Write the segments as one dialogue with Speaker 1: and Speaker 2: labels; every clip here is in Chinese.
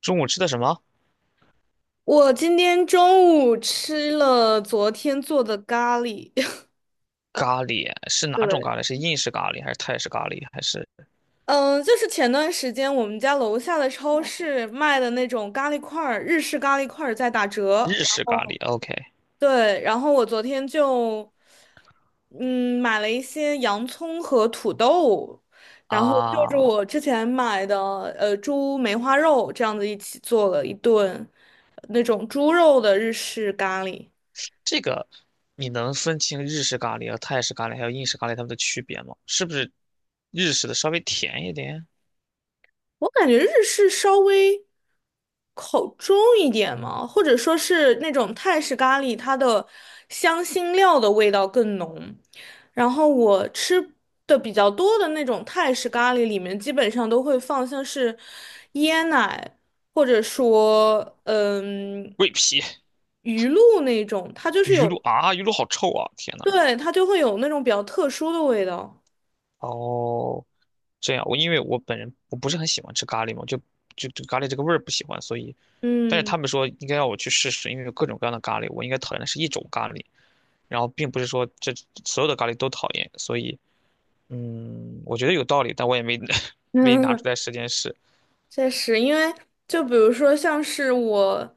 Speaker 1: 中午吃的什么？
Speaker 2: 我今天中午吃了昨天做的咖喱，
Speaker 1: 咖喱是哪种
Speaker 2: 对。
Speaker 1: 咖喱？是印式咖喱还是泰式咖喱还是
Speaker 2: 嗯，就是前段时间我们家楼下的超市卖的那种咖喱块儿，日式咖喱块儿在打折。
Speaker 1: 日式咖喱？OK
Speaker 2: 对，然后我昨天就，嗯，买了一些洋葱和土豆，然后就是
Speaker 1: 啊，
Speaker 2: 我之前买的猪梅花肉这样子一起做了一顿那种猪肉的日式咖喱。
Speaker 1: 这个你能分清日式咖喱和泰式咖喱还有印式咖喱它们的区别吗？是不是日式的稍微甜一点？
Speaker 2: 我感觉日式稍微口重一点嘛，或者说是那种泰式咖喱，它的香辛料的味道更浓。然后我吃的比较多的那种泰式咖喱里面，基本上都会放像是椰奶，或者说
Speaker 1: 桂皮、
Speaker 2: 鱼露那种，它就是
Speaker 1: 鱼露
Speaker 2: 有。
Speaker 1: 啊，鱼露好臭啊！天呐。
Speaker 2: 对，它就会有那种比较特殊的味道。
Speaker 1: 哦，这样，我因为我本人我不是很喜欢吃咖喱嘛，就对咖喱这个味儿不喜欢，所以但是
Speaker 2: 嗯。
Speaker 1: 他们说应该让我去试试，因为有各种各样的咖喱，我应该讨厌的是一种咖喱。然后并不是说这所有的咖喱都讨厌，所以我觉得有道理，但我也没 没拿出来 时间试。
Speaker 2: 确实，因为就比如说像是我，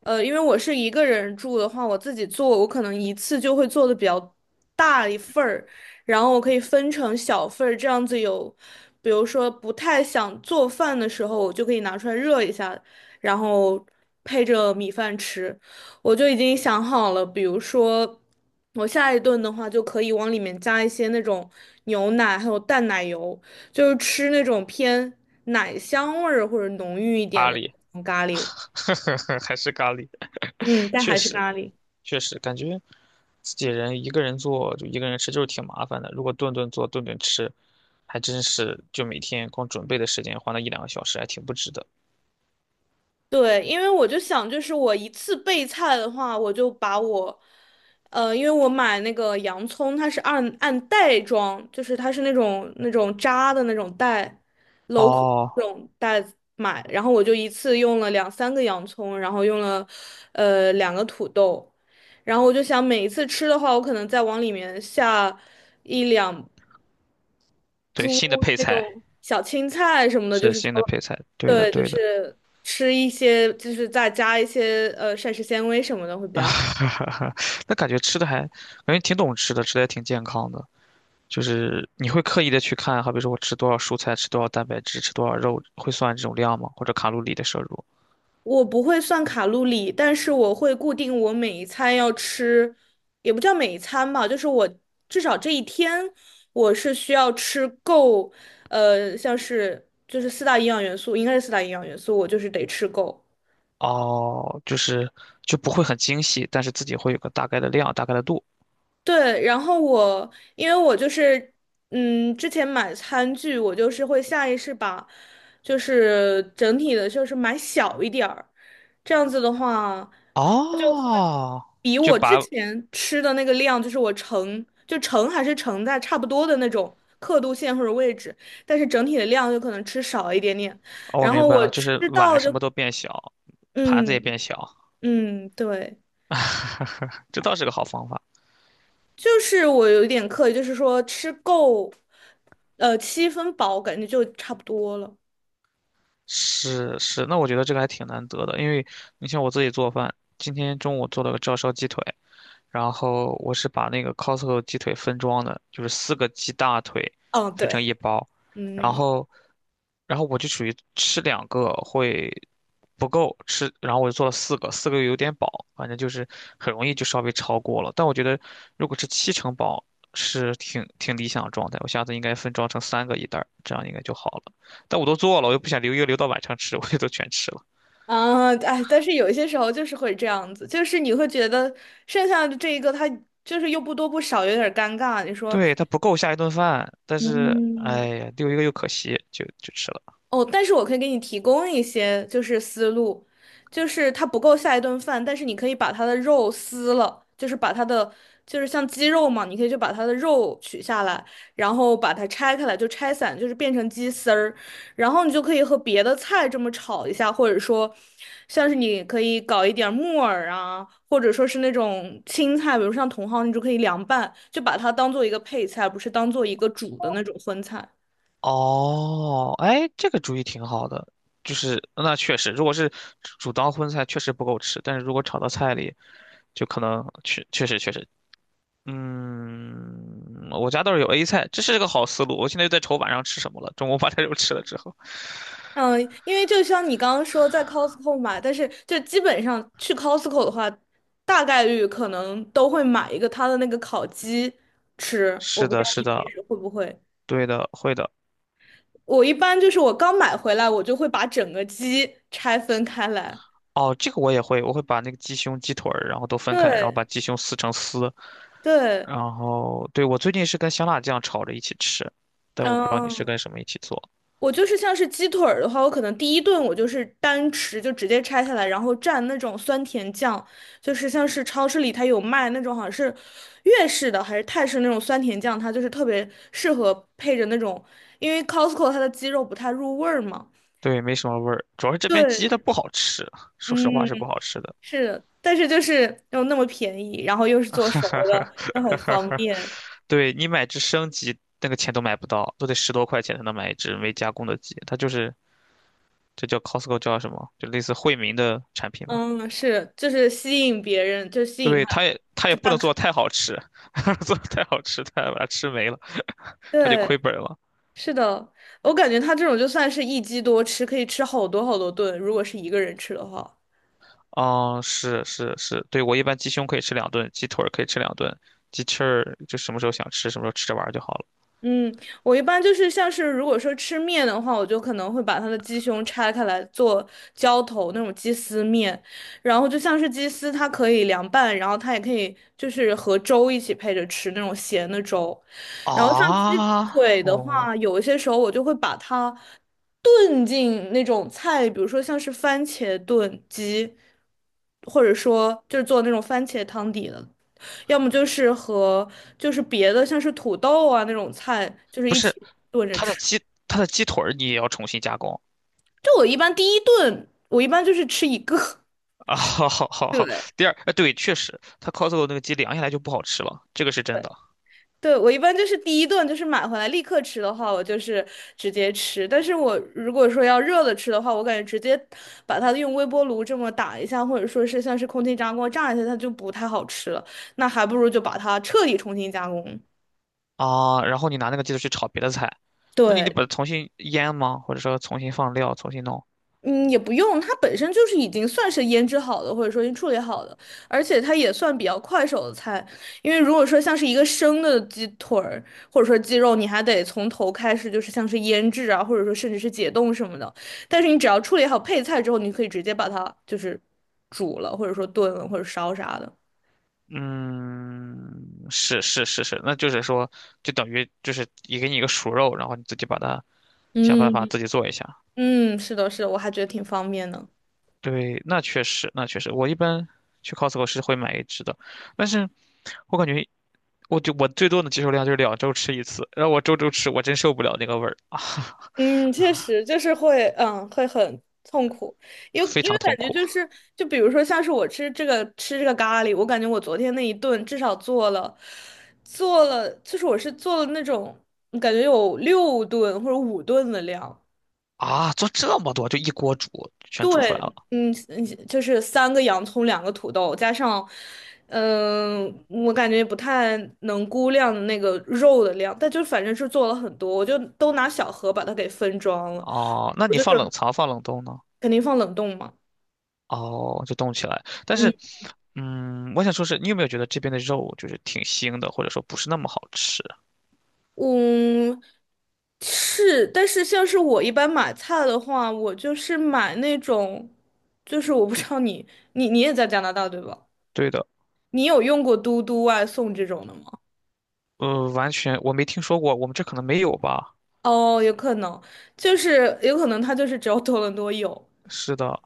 Speaker 2: 因为我是一个人住的话，我自己做，我可能一次就会做的比较大一份儿，然后我可以分成小份儿，这样子有，比如说不太想做饭的时候，我就可以拿出来热一下，然后配着米饭吃。我就已经想好了，比如说我下一顿的话，就可以往里面加一些那种牛奶，还有淡奶油，就是吃那种偏奶香味儿或者浓郁一点
Speaker 1: 咖
Speaker 2: 的
Speaker 1: 喱，
Speaker 2: 那种咖喱。
Speaker 1: 还是咖喱，
Speaker 2: 嗯，但
Speaker 1: 确
Speaker 2: 还是
Speaker 1: 实
Speaker 2: 咖喱。
Speaker 1: 感觉自己人一个人做就一个人吃就是挺麻烦的，如果顿顿做顿顿吃，还真是就每天光准备的时间花那一两个小时，还挺不值得。
Speaker 2: 对，因为我就想，就是我一次备菜的话，我就把我，因为我买那个洋葱，它是按袋装，就是它是那种扎的那种袋，镂空
Speaker 1: 哦，
Speaker 2: 那种袋子买，然后我就一次用了两三个洋葱，然后用了，两个土豆，然后我就想每一次吃的话，我可能再往里面下一两
Speaker 1: 对，
Speaker 2: 猪
Speaker 1: 新的配
Speaker 2: 那
Speaker 1: 菜
Speaker 2: 种小青菜什么的，就
Speaker 1: 是
Speaker 2: 是
Speaker 1: 新的
Speaker 2: 说，
Speaker 1: 配菜，对的
Speaker 2: 对，就
Speaker 1: 对的，
Speaker 2: 是吃一些，就是再加一些膳食纤维什么的会比较好。
Speaker 1: 啊，那感觉吃的还感觉挺懂吃的，吃的还挺健康的。就是你会刻意的去看，好比说我吃多少蔬菜，吃多少蛋白质，吃多少肉，会算这种量吗？或者卡路里的摄入？
Speaker 2: 我不会算卡路里，但是我会固定我每一餐要吃，也不叫每一餐吧，就是我至少这一天我是需要吃够，像是就是四大营养元素，应该是四大营养元素，我就是得吃够。
Speaker 1: 哦，就是就不会很精细，但是自己会有个大概的量，大概的度。
Speaker 2: 对，然后我因为我就是，之前买餐具，我就是会下意识把，就是整体的，就是买小一点儿，这样子的话，
Speaker 1: 哦，
Speaker 2: 比我之
Speaker 1: 哦，
Speaker 2: 前吃的那个量，就是我盛就盛还是盛在差不多的那种刻度线或者位置，但是整体的量就可能吃少一点点，
Speaker 1: 我
Speaker 2: 然
Speaker 1: 明
Speaker 2: 后
Speaker 1: 白
Speaker 2: 我
Speaker 1: 了，就
Speaker 2: 吃
Speaker 1: 是
Speaker 2: 到
Speaker 1: 碗什
Speaker 2: 就，
Speaker 1: 么都变小，盘子也
Speaker 2: 嗯
Speaker 1: 变小，
Speaker 2: 嗯，对。
Speaker 1: 这倒是个好方法。
Speaker 2: 就是我有一点刻意，就是说吃够，七分饱，感觉就差不多了。
Speaker 1: 是是，那我觉得这个还挺难得的，因为你像我自己做饭，今天中午做了个照烧鸡腿，然后我是把那个 Costco 鸡腿分装的，就是四个鸡大腿
Speaker 2: 嗯，
Speaker 1: 分
Speaker 2: 对。
Speaker 1: 成一包，然
Speaker 2: 嗯。
Speaker 1: 后，然后我就属于吃两个会不够吃，然后我就做了四个，四个又有点饱，反正就是很容易就稍微超过了。但我觉得如果是七成饱是挺挺理想的状态，我下次应该分装成三个一袋儿，这样应该就好了。但我都做了，我又不想留一个留到晚上吃，我就都全吃了。
Speaker 2: 啊。哎，但是有一些时候就是会这样子，就是你会觉得剩下的这一个，它就是又不多不少，有点儿尴尬。你说，
Speaker 1: 对，它不够下一顿饭，但是哎
Speaker 2: 嗯。
Speaker 1: 呀，留一个又可惜，就就吃了。
Speaker 2: 哦，但是我可以给你提供一些就是思路，就是它不够下一顿饭，但是你可以把它的肉撕了，就是把它的就是像鸡肉嘛，你可以就把它的肉取下来，然后把它拆开来，就拆散，就是变成鸡丝儿，然后你就可以和别的菜这么炒一下，或者说像是你可以搞一点儿木耳啊，或者说是那种青菜，比如像茼蒿，你就可以凉拌，就把它当做一个配菜，不是当做一个煮的那种荤菜。
Speaker 1: 哦，哎，这个主意挺好的，就是那确实，如果是煮当荤菜，确实不够吃，但是如果炒到菜里，就可能确实，我家倒是有 A 菜，这是个好思路。我现在就在愁晚上吃什么了，中午把这肉 吃了之后。
Speaker 2: 嗯，因为就像你刚刚说在 Costco 买，但是就基本上去 Costco 的话，大概率可能都会买一个它的那个烤鸡吃。我
Speaker 1: 是
Speaker 2: 不知
Speaker 1: 的，
Speaker 2: 道
Speaker 1: 是
Speaker 2: 你平
Speaker 1: 的，
Speaker 2: 时会不会，
Speaker 1: 对的，会的。
Speaker 2: 我一般就是我刚买回来，我就会把整个鸡拆分开来。
Speaker 1: 哦，这个我也会，我会把那个鸡胸、鸡腿儿，然后都分开，然后把
Speaker 2: 对，
Speaker 1: 鸡胸撕成丝，
Speaker 2: 对。
Speaker 1: 然后对，我最近是跟香辣酱炒着一起吃，但我不知道你是跟
Speaker 2: 嗯，
Speaker 1: 什么一起做。
Speaker 2: 我就是像是鸡腿儿的话，我可能第一顿我就是单吃，就直接拆下来，然后蘸那种酸甜酱，就是像是超市里它有卖那种好像是粤式的还是泰式那种酸甜酱，它就是特别适合配着那种，因为 Costco 它的鸡肉不太入味儿嘛。
Speaker 1: 对，没什么味儿，主要是这边鸡
Speaker 2: 对。
Speaker 1: 它不好吃，说实话是不
Speaker 2: 嗯，
Speaker 1: 好吃的。
Speaker 2: 是的，但是就是又那么便宜，然后又是做熟的，就很方 便。
Speaker 1: 对，你买只生鸡，那个钱都买不到，都得十多块钱才能买一只没加工的鸡。它就是这叫 Costco 叫什么？就类似惠民的产品吧。
Speaker 2: 嗯，是，就是吸引别人，就吸引他
Speaker 1: 对，它也它
Speaker 2: 去
Speaker 1: 也不
Speaker 2: 办
Speaker 1: 能
Speaker 2: 卡。
Speaker 1: 做得太好吃，做得太好吃，它把它吃没了，它就
Speaker 2: 对。
Speaker 1: 亏本了。
Speaker 2: 是的，我感觉他这种就算是一鸡多吃，可以吃好多好多顿，如果是一个人吃的话。
Speaker 1: 哦，是是是，对，我一般鸡胸可以吃两顿，鸡腿儿可以吃两顿，鸡翅儿就什么时候想吃什么时候吃着玩儿就好了。
Speaker 2: 嗯，我一般就是像是如果说吃面的话，我就可能会把它的鸡胸拆开来做浇头那种鸡丝面，然后就像是鸡丝，它可以凉拌，然后它也可以就是和粥一起配着吃那种咸的粥，然后像鸡
Speaker 1: 啊，
Speaker 2: 腿的
Speaker 1: 哦，
Speaker 2: 话，有一些时候我就会把它炖进那种菜，比如说像是番茄炖鸡，或者说就是做那种番茄汤底的。要么就是和就是别的像是土豆啊那种菜，就是
Speaker 1: 不
Speaker 2: 一
Speaker 1: 是，
Speaker 2: 起炖着
Speaker 1: 它的
Speaker 2: 吃。
Speaker 1: 鸡它的鸡腿儿你也要重新加工
Speaker 2: 就我一般第一顿，我一般就是吃一个。
Speaker 1: 啊！好好好好，
Speaker 2: 对，
Speaker 1: 第二，对，确实，它 c o s o 那个鸡凉下来就不好吃了，这个是真的
Speaker 2: 对，我一般就是第一顿就是买回来立刻吃的话，我就是直接吃。但是我如果说要热了吃的话，我感觉直接把它用微波炉这么打一下，或者说是像是空气炸锅炸一下，它就不太好吃了。那还不如就把它彻底重新加工。
Speaker 1: 啊。然后你拿那个鸡腿去炒别的菜，那你得
Speaker 2: 对。
Speaker 1: 把它重新腌吗？或者说重新放料，重新弄？
Speaker 2: 嗯，也不用，它本身就是已经算是腌制好的，或者说已经处理好的，而且它也算比较快手的菜。因为如果说像是一个生的鸡腿儿，或者说鸡肉，你还得从头开始，就是像是腌制啊，或者说甚至是解冻什么的。但是你只要处理好配菜之后，你可以直接把它就是煮了，或者说炖了，或者烧啥的。
Speaker 1: 嗯，是是是是，那就是说，就等于就是也给你一个熟肉，然后你自己把它想办法
Speaker 2: 嗯
Speaker 1: 自己做一下。
Speaker 2: 嗯，是的，是的，我还觉得挺方便的。
Speaker 1: 对，那确实，那确实，我一般去 Costco 是会买一只的，但是我感觉我就我最多的接受量就是两周吃一次，然后我周周吃，我真受不了那个味儿啊，
Speaker 2: 嗯，确实就是会，会很痛苦，因 为
Speaker 1: 非
Speaker 2: 因
Speaker 1: 常
Speaker 2: 为感
Speaker 1: 痛
Speaker 2: 觉
Speaker 1: 苦
Speaker 2: 就是，就比如说像是我吃这个咖喱，我感觉我昨天那一顿至少做了，就是我是做了那种感觉有六顿或者五顿的量。
Speaker 1: 啊！做这么多，就一锅煮，全煮出
Speaker 2: 对，
Speaker 1: 来了。
Speaker 2: 嗯嗯，就是三个洋葱，两个土豆，加上，我感觉不太能估量那个肉的量，但就反正是做了很多，我就都拿小盒把它给分装了。
Speaker 1: 哦，那
Speaker 2: 我
Speaker 1: 你
Speaker 2: 就
Speaker 1: 放冷
Speaker 2: 准。
Speaker 1: 藏放冷冻呢？
Speaker 2: 肯定放冷冻嘛。
Speaker 1: 哦，就冻起来。但
Speaker 2: 嗯
Speaker 1: 是，我想说是你有没有觉得这边的肉就是挺腥的，或者说不是那么好吃？
Speaker 2: 嗯，是，但是像是我一般买菜的话，我就是买那种，就是我不知道你也在加拿大对吧？
Speaker 1: 对的，
Speaker 2: 你有用过嘟嘟外送这种的吗？
Speaker 1: 呃，完全我没听说过，我们这可能没有吧？
Speaker 2: 哦，有可能，就是有可能它就是只有多伦多有。
Speaker 1: 是的，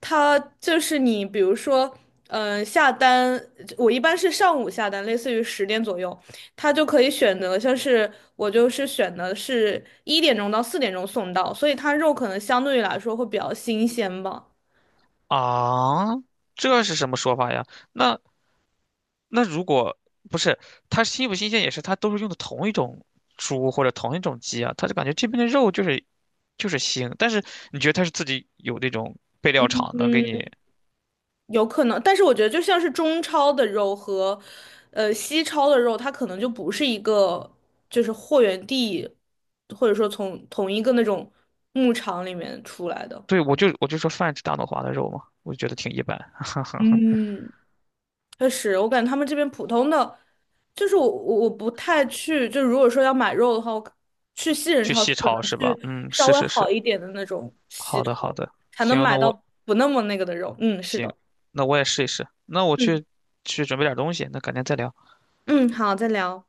Speaker 2: 它就是你，比如说，下单，我一般是上午下单，类似于10点左右，它就可以选择，像是我就是选的是1点钟到4点钟送到，所以它肉可能相对于来说会比较新鲜吧，
Speaker 1: 啊，这是什么说法呀？那如果不是它新不新鲜，也是它都是用的同一种猪或者同一种鸡啊，它就感觉这边的肉就是腥，但是你觉得它是自己有那种备料厂能给你？
Speaker 2: 有可能，但是我觉得就像是中超的肉和，西超的肉，它可能就不是一个就是货源地，或者说从同一个那种牧场里面出来的。
Speaker 1: 对，我就说泛指大脑华的肉嘛，我就觉得挺一般，
Speaker 2: 嗯。确实，我感觉他们这边普通的，就是我不太去，就如果说要买肉的话，我可去西 人
Speaker 1: 去
Speaker 2: 超市
Speaker 1: 西
Speaker 2: 可
Speaker 1: 超
Speaker 2: 能
Speaker 1: 是
Speaker 2: 去
Speaker 1: 吧？嗯，
Speaker 2: 稍
Speaker 1: 是
Speaker 2: 微
Speaker 1: 是是，
Speaker 2: 好一点的那种西
Speaker 1: 好的好
Speaker 2: 超，
Speaker 1: 的，
Speaker 2: 才能
Speaker 1: 行，
Speaker 2: 买到不那么那个的肉。嗯，是
Speaker 1: 行，
Speaker 2: 的。
Speaker 1: 那我也试一试，那我
Speaker 2: 嗯
Speaker 1: 去准备点东西，那改天再聊。
Speaker 2: 嗯，好，再聊。